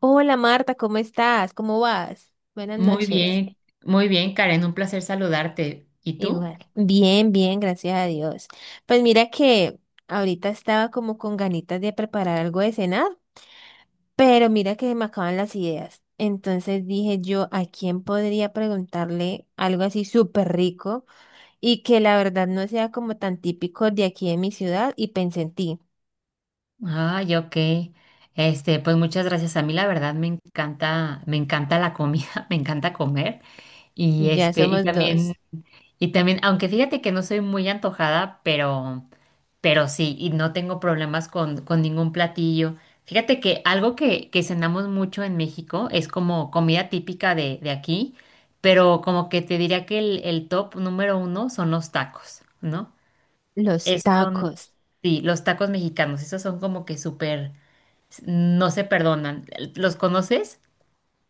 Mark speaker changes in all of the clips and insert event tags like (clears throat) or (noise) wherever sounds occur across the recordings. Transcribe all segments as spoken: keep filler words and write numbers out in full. Speaker 1: Hola Marta, ¿cómo estás? ¿Cómo vas? Buenas
Speaker 2: Muy
Speaker 1: noches.
Speaker 2: bien, muy bien, Karen, un placer saludarte. ¿Y tú?
Speaker 1: Igual. Bien, bien, gracias a Dios. Pues mira que ahorita estaba como con ganitas de preparar algo de cenar, pero mira que me acaban las ideas. Entonces dije yo, ¿a quién podría preguntarle algo así súper rico y que la verdad no sea como tan típico de aquí de mi ciudad? Y pensé en ti.
Speaker 2: Ay, ok. Este, pues muchas gracias. A mí la verdad me encanta, me encanta la comida, (laughs) me encanta comer. Y
Speaker 1: Ya
Speaker 2: este, y
Speaker 1: somos
Speaker 2: también,
Speaker 1: dos.
Speaker 2: y también, aunque fíjate que no soy muy antojada, pero, pero sí, y no tengo problemas con, con ningún platillo. Fíjate que algo que, que cenamos mucho en México es como comida típica de, de aquí, pero como que te diría que el, el top número uno son los tacos, ¿no?
Speaker 1: Los
Speaker 2: Es- son,
Speaker 1: tacos.
Speaker 2: sí, los tacos mexicanos, esos son como que súper, no se perdonan. ¿Los conoces?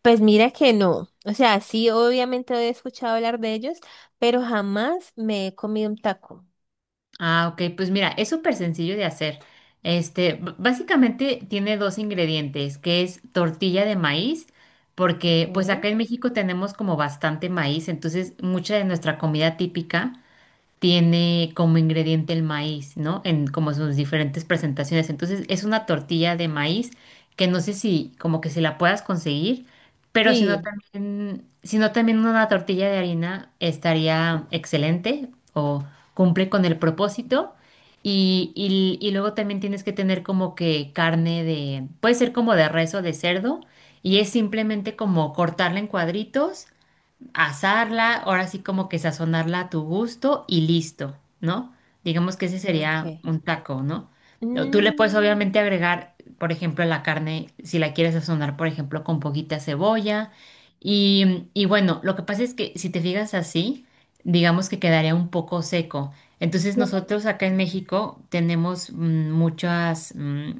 Speaker 1: Pues mira que no. O sea, sí, obviamente he escuchado hablar de ellos, pero jamás me he comido un taco.
Speaker 2: Ah, ok, pues mira, es súper sencillo de hacer. Este, b- básicamente tiene dos ingredientes, que es tortilla de maíz, porque pues
Speaker 1: ¿Eh?
Speaker 2: acá en México tenemos como bastante maíz, entonces mucha de nuestra comida típica tiene como ingrediente el maíz, ¿no? En como sus diferentes presentaciones. Entonces es una tortilla de maíz que no sé si como que si la puedas conseguir, pero si no
Speaker 1: Sí,
Speaker 2: también, si no también una tortilla de harina estaría excelente o cumple con el propósito. Y, y, y luego también tienes que tener como que carne de, puede ser como de res o de cerdo, y es simplemente como cortarla en cuadritos, asarla, ahora sí como que sazonarla a tu gusto y listo, ¿no? Digamos que ese sería
Speaker 1: ok.
Speaker 2: un taco, ¿no? O tú le puedes
Speaker 1: Mm,
Speaker 2: obviamente agregar, por ejemplo, la carne, si la quieres sazonar, por ejemplo, con poquita cebolla. Y, y bueno, lo que pasa es que si te fijas así, digamos que quedaría un poco seco. Entonces nosotros acá en México tenemos, mm, muchas, mm,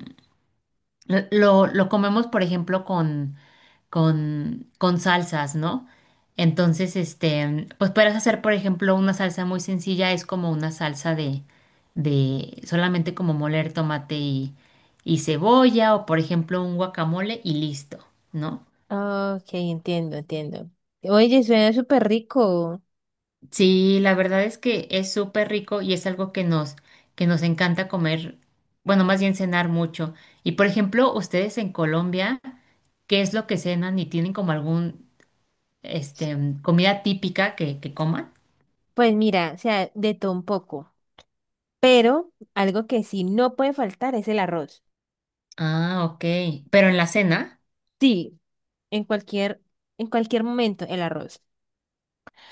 Speaker 2: lo, lo lo comemos, por ejemplo, con con, con salsas, ¿no? Entonces, este, pues puedes hacer, por ejemplo, una salsa muy sencilla, es como una salsa de, de solamente como moler tomate y, y cebolla, o por ejemplo, un guacamole y listo, ¿no?
Speaker 1: ok, entiendo, entiendo. Oye, suena súper rico.
Speaker 2: Sí, la verdad es que es súper rico y es algo que nos, que nos encanta comer, bueno, más bien cenar mucho. Y por ejemplo, ustedes en Colombia, ¿qué es lo que cenan y tienen como algún, este, comida típica que, que coman?
Speaker 1: Pues mira, o sea, de todo un poco. Pero algo que sí no puede faltar es el arroz.
Speaker 2: Ah, ok. Pero en la cena,
Speaker 1: Sí, en cualquier, en cualquier momento, el arroz.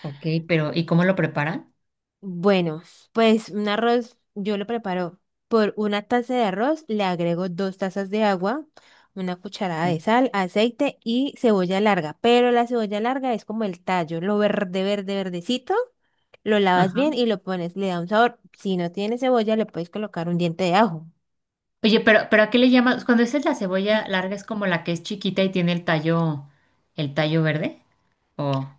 Speaker 2: ok, pero ¿y cómo lo preparan?
Speaker 1: Bueno, pues un arroz yo lo preparo por una taza de arroz, le agrego dos tazas de agua, una cucharada de
Speaker 2: Mm.
Speaker 1: sal, aceite y cebolla larga. Pero la cebolla larga es como el tallo, lo verde, verde, verdecito. Lo lavas
Speaker 2: Ajá.
Speaker 1: bien y lo pones, le da un sabor. Si no tiene cebolla, le puedes colocar un diente de ajo.
Speaker 2: Oye, pero, pero ¿a qué le llamas? Cuando dices la cebolla larga es como la que es chiquita y tiene el tallo, el tallo verde. O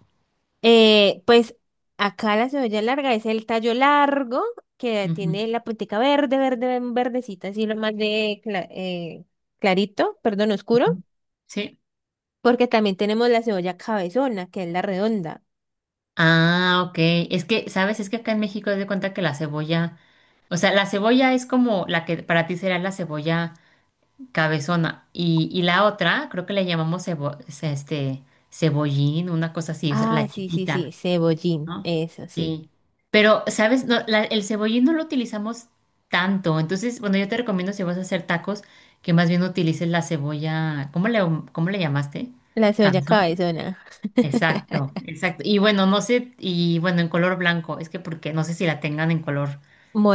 Speaker 1: Eh, pues acá la cebolla larga es el tallo largo que
Speaker 2: Ujú,
Speaker 1: tiene la puntica verde, verde, ven- verdecita, así lo más de cla- eh, clarito, perdón, oscuro.
Speaker 2: ujú. Sí.
Speaker 1: Porque también tenemos la cebolla cabezona, que es la redonda.
Speaker 2: Ah, ok. Es que, ¿sabes? Es que acá en México te de cuenta que la cebolla, o sea, la cebolla es como la que para ti será la cebolla cabezona. Y, y la otra, creo que le llamamos cebo- ce- este, cebollín, una cosa así, o sea,
Speaker 1: Ah,
Speaker 2: la
Speaker 1: sí, sí, sí,
Speaker 2: chiquita.
Speaker 1: cebollín,
Speaker 2: ¿No?
Speaker 1: eso sí.
Speaker 2: Sí. Pero, ¿sabes? No, la- el cebollín no lo utilizamos tanto. Entonces, bueno, yo te recomiendo si vas a hacer tacos, que más bien utilices la cebolla. ¿Cómo le, ¿cómo le llamaste?
Speaker 1: La cebolla
Speaker 2: Cabezón.
Speaker 1: cabezona,
Speaker 2: Exacto, exacto. Y bueno, no sé, y bueno, en color blanco. Es que porque no sé si la tengan en color,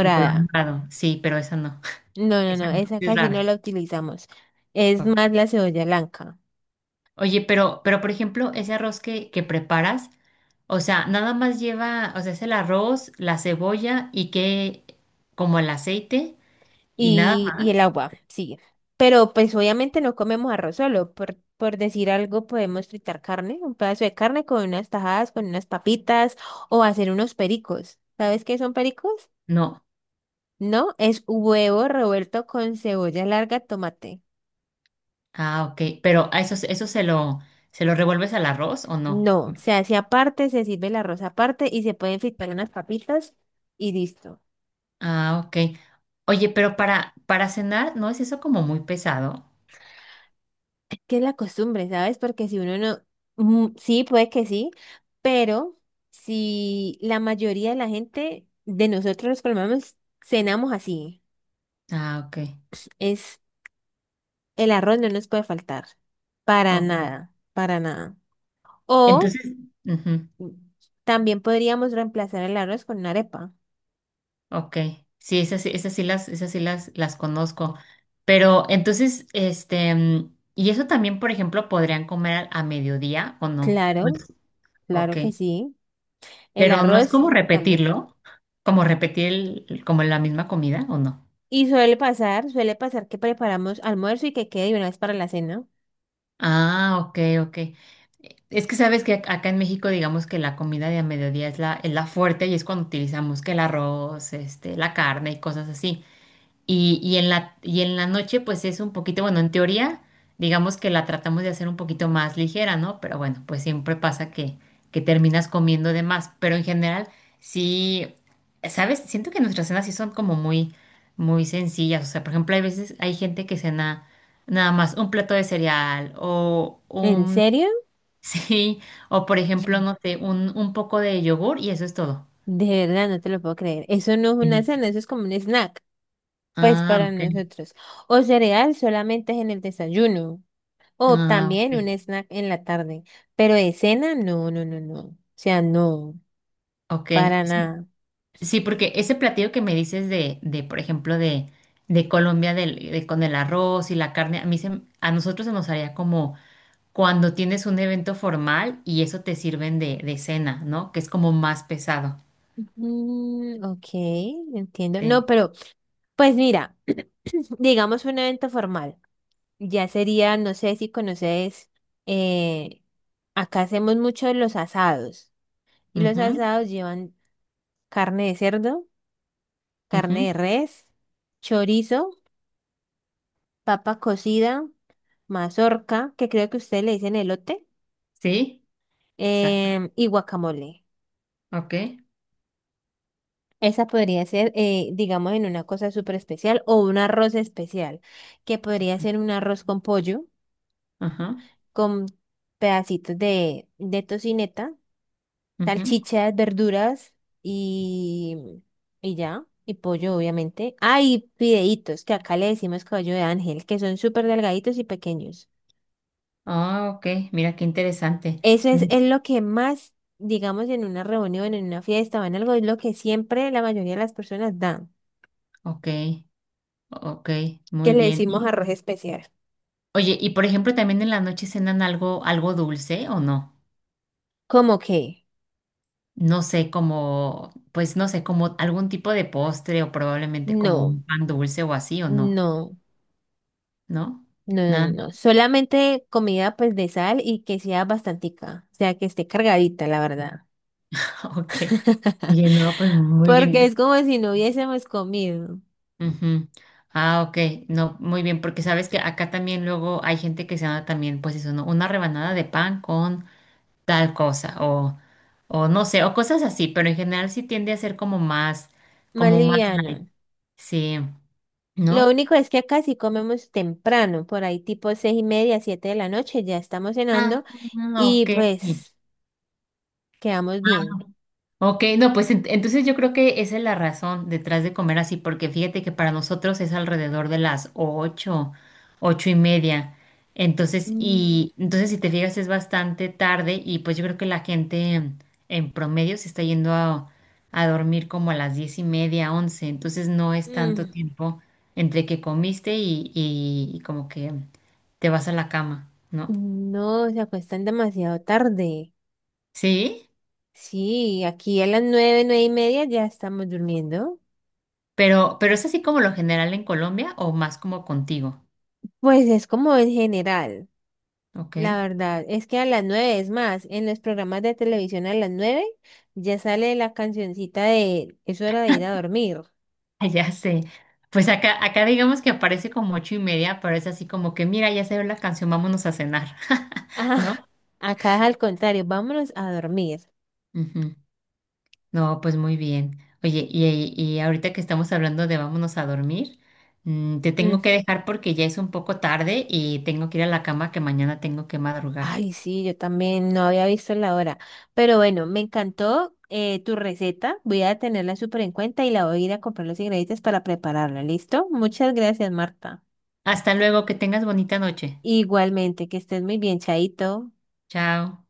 Speaker 2: en color morado. Sí, pero esa no. (laughs)
Speaker 1: No, no,
Speaker 2: Esa
Speaker 1: no,
Speaker 2: no,
Speaker 1: esa
Speaker 2: sí es
Speaker 1: casi no
Speaker 2: rara.
Speaker 1: la utilizamos. Es más la cebolla blanca
Speaker 2: Oye, pero, pero por ejemplo, ese arroz que, que preparas, o sea, nada más lleva, o sea, es el arroz, la cebolla y que, como el aceite y nada
Speaker 1: y, y
Speaker 2: más.
Speaker 1: el agua, sí. Pero pues obviamente no comemos arroz solo. Por, por decir algo, podemos fritar carne, un pedazo de carne con unas tajadas, con unas papitas o hacer unos pericos. ¿Sabes qué son pericos?
Speaker 2: No.
Speaker 1: No, es huevo revuelto con cebolla larga, tomate.
Speaker 2: Ah, ok. Pero a eso, eso se lo, se lo revuelves al arroz o no?
Speaker 1: No, se hace aparte, se sirve el arroz aparte y se pueden fritar unas papitas y listo.
Speaker 2: Ah, ok. Oye, pero para, para cenar, ¿no es eso como muy pesado?
Speaker 1: Que es la costumbre, ¿sabes? Porque si uno no, mm, sí, puede que sí, pero si la mayoría de la gente de nosotros los colombianos cenamos así,
Speaker 2: Ah, ok.
Speaker 1: es el arroz no nos puede faltar, para
Speaker 2: Ok.
Speaker 1: nada, para nada. O
Speaker 2: Entonces, ujú.
Speaker 1: mm, también podríamos reemplazar el arroz con una arepa.
Speaker 2: Ok, sí, esas, sí- esas sí las, esas sí las, las conozco. Pero entonces, este, mm, y eso también, por ejemplo, podrían comer a, a mediodía o no.
Speaker 1: Claro,
Speaker 2: Pues, ok,
Speaker 1: claro que sí. El
Speaker 2: pero no es
Speaker 1: arroz
Speaker 2: como
Speaker 1: también.
Speaker 2: repetirlo, como repetir el- el- como la misma comida o no.
Speaker 1: Y suele pasar, suele pasar que preparamos almuerzo y que quede de una vez para la cena.
Speaker 2: Ah, ok, ok. Es que sabes que ac- acá en México, digamos que la comida de a mediodía es la, es la fuerte y es cuando utilizamos que el arroz, este, la carne y cosas así. Y, y en la, y en la noche, pues es un poquito, bueno, en teoría, digamos que la tratamos de hacer un poquito más ligera, ¿no? Pero bueno, pues siempre pasa que, que terminas comiendo de más. Pero en general, sí, ¿sabes? Siento que nuestras cenas sí son como muy, muy sencillas. O sea, por ejemplo, hay veces, hay gente que cena nada más un plato de cereal o
Speaker 1: ¿En
Speaker 2: un,
Speaker 1: serio?
Speaker 2: (laughs) sí, o por ejemplo, no sé, un, un poco de yogur y eso es todo.
Speaker 1: De verdad, no te lo puedo creer. Eso no es una
Speaker 2: Sí.
Speaker 1: cena, eso es como un snack, pues
Speaker 2: Ah,
Speaker 1: para
Speaker 2: ok.
Speaker 1: nosotros. O cereal solamente es en el desayuno. O
Speaker 2: Ah,
Speaker 1: también un
Speaker 2: ok.
Speaker 1: snack en la tarde. Pero de cena, no, no, no, no. O sea, no,
Speaker 2: Ok.
Speaker 1: para
Speaker 2: Sí,
Speaker 1: nada.
Speaker 2: sí, porque ese platillo que me dices de, de por ejemplo, de, de Colombia del- de- con el arroz y la carne, a mí se, a nosotros se nos haría como cuando tienes un evento formal y eso te sirven de, de cena, ¿no? Que es como más pesado.
Speaker 1: Mm, ok, entiendo. No,
Speaker 2: Sí.
Speaker 1: pero, pues mira, (clears throat) digamos un evento formal. Ya sería, no sé si conoces, eh, acá hacemos mucho los asados. Y los
Speaker 2: Ujú,
Speaker 1: asados llevan carne de cerdo, carne
Speaker 2: ujú.
Speaker 1: de res, chorizo, papa cocida, mazorca, que creo que ustedes le dicen elote,
Speaker 2: Sí, exacto.
Speaker 1: em, y guacamole.
Speaker 2: Ok.
Speaker 1: Esa podría ser, eh, digamos, en una cosa súper especial o un arroz especial, que podría ser un arroz con pollo,
Speaker 2: Ajá.
Speaker 1: con pedacitos de, de tocineta,
Speaker 2: Ujú.
Speaker 1: salchichas, verduras y, y ya, y pollo, obviamente. Ah, y fideitos, que acá le decimos caballo de ángel, que son súper delgaditos y pequeños.
Speaker 2: Ah, ok. Mira qué interesante.
Speaker 1: Eso es,
Speaker 2: Mm.
Speaker 1: es lo que más, digamos, en una reunión, en una fiesta o en algo, es lo que siempre la mayoría de las personas dan,
Speaker 2: Ok, ok,
Speaker 1: que
Speaker 2: muy
Speaker 1: le
Speaker 2: bien.
Speaker 1: decimos
Speaker 2: Y-
Speaker 1: arroz especial.
Speaker 2: oye, y por ejemplo, también en la noche cenan algo, algo dulce, ¿o no?
Speaker 1: ¿Cómo que?
Speaker 2: No sé, como, pues no sé, como algún tipo de postre o probablemente como
Speaker 1: No,
Speaker 2: un pan dulce o así o
Speaker 1: no.
Speaker 2: no,
Speaker 1: No,
Speaker 2: ¿no?
Speaker 1: no, no,
Speaker 2: Nada,
Speaker 1: no. Solamente comida pues de sal y que sea bastantica, o sea que esté cargadita, la verdad.
Speaker 2: (laughs) ok. Oye, no, pues muy
Speaker 1: Porque es
Speaker 2: bien.
Speaker 1: como si no hubiésemos comido.
Speaker 2: Ujú. Ah, ok, no, muy bien, porque sabes que acá también luego hay gente que se da también, pues eso, ¿no? Una rebanada de pan con tal cosa o, o no sé, o cosas así, pero en general sí tiende a ser como más,
Speaker 1: Más
Speaker 2: como más light,
Speaker 1: liviano.
Speaker 2: sí,
Speaker 1: Lo
Speaker 2: ¿no?
Speaker 1: único es que acá sí comemos temprano, por ahí tipo seis y media, siete de la noche, ya estamos
Speaker 2: Ah,
Speaker 1: cenando y
Speaker 2: ok.
Speaker 1: pues quedamos bien.
Speaker 2: Ok, no, pues ent- entonces yo creo que esa es la razón detrás de comer así, porque fíjate que para nosotros es alrededor de las ocho, ocho y media. Entonces,
Speaker 1: Mm,
Speaker 2: y entonces si te fijas es bastante tarde y pues yo creo que la gente en, en promedio se está yendo a, a dormir como a las diez y media, once. Entonces no es tanto
Speaker 1: mm.
Speaker 2: tiempo entre que comiste y, y y como que te vas a la cama, ¿no?
Speaker 1: No, se acuestan demasiado tarde.
Speaker 2: Sí,
Speaker 1: Sí, aquí a las nueve, nueve y media ya estamos durmiendo.
Speaker 2: pero, pero es así como lo general en Colombia o más como contigo.
Speaker 1: Pues es como en general.
Speaker 2: Ok, (laughs)
Speaker 1: La verdad es que a las nueve, es más, en los programas de televisión a las nueve ya sale la cancioncita de es hora de ir a dormir. (laughs)
Speaker 2: ya sé. Pues acá, acá digamos que aparece como ocho y media, pero es así como que, mira, ya se ve la canción, vámonos a cenar, (laughs)
Speaker 1: Ah,
Speaker 2: ¿no?
Speaker 1: acá es al contrario, vámonos a dormir.
Speaker 2: Ujú. No, pues muy bien. Oye, y, y ahorita que estamos hablando de vámonos a dormir, mm, te tengo que
Speaker 1: Mm,
Speaker 2: dejar porque ya es un poco tarde y tengo que ir a la cama que mañana tengo que madrugar.
Speaker 1: ay, sí, yo también no había visto la hora. Pero bueno, me encantó eh, tu receta. Voy a tenerla súper en cuenta y la voy a ir a comprar los ingredientes para prepararla. ¿Listo? Muchas gracias, Marta.
Speaker 2: Hasta luego, que tengas bonita noche.
Speaker 1: Igualmente, que estés muy bien, Chaito.
Speaker 2: Chao.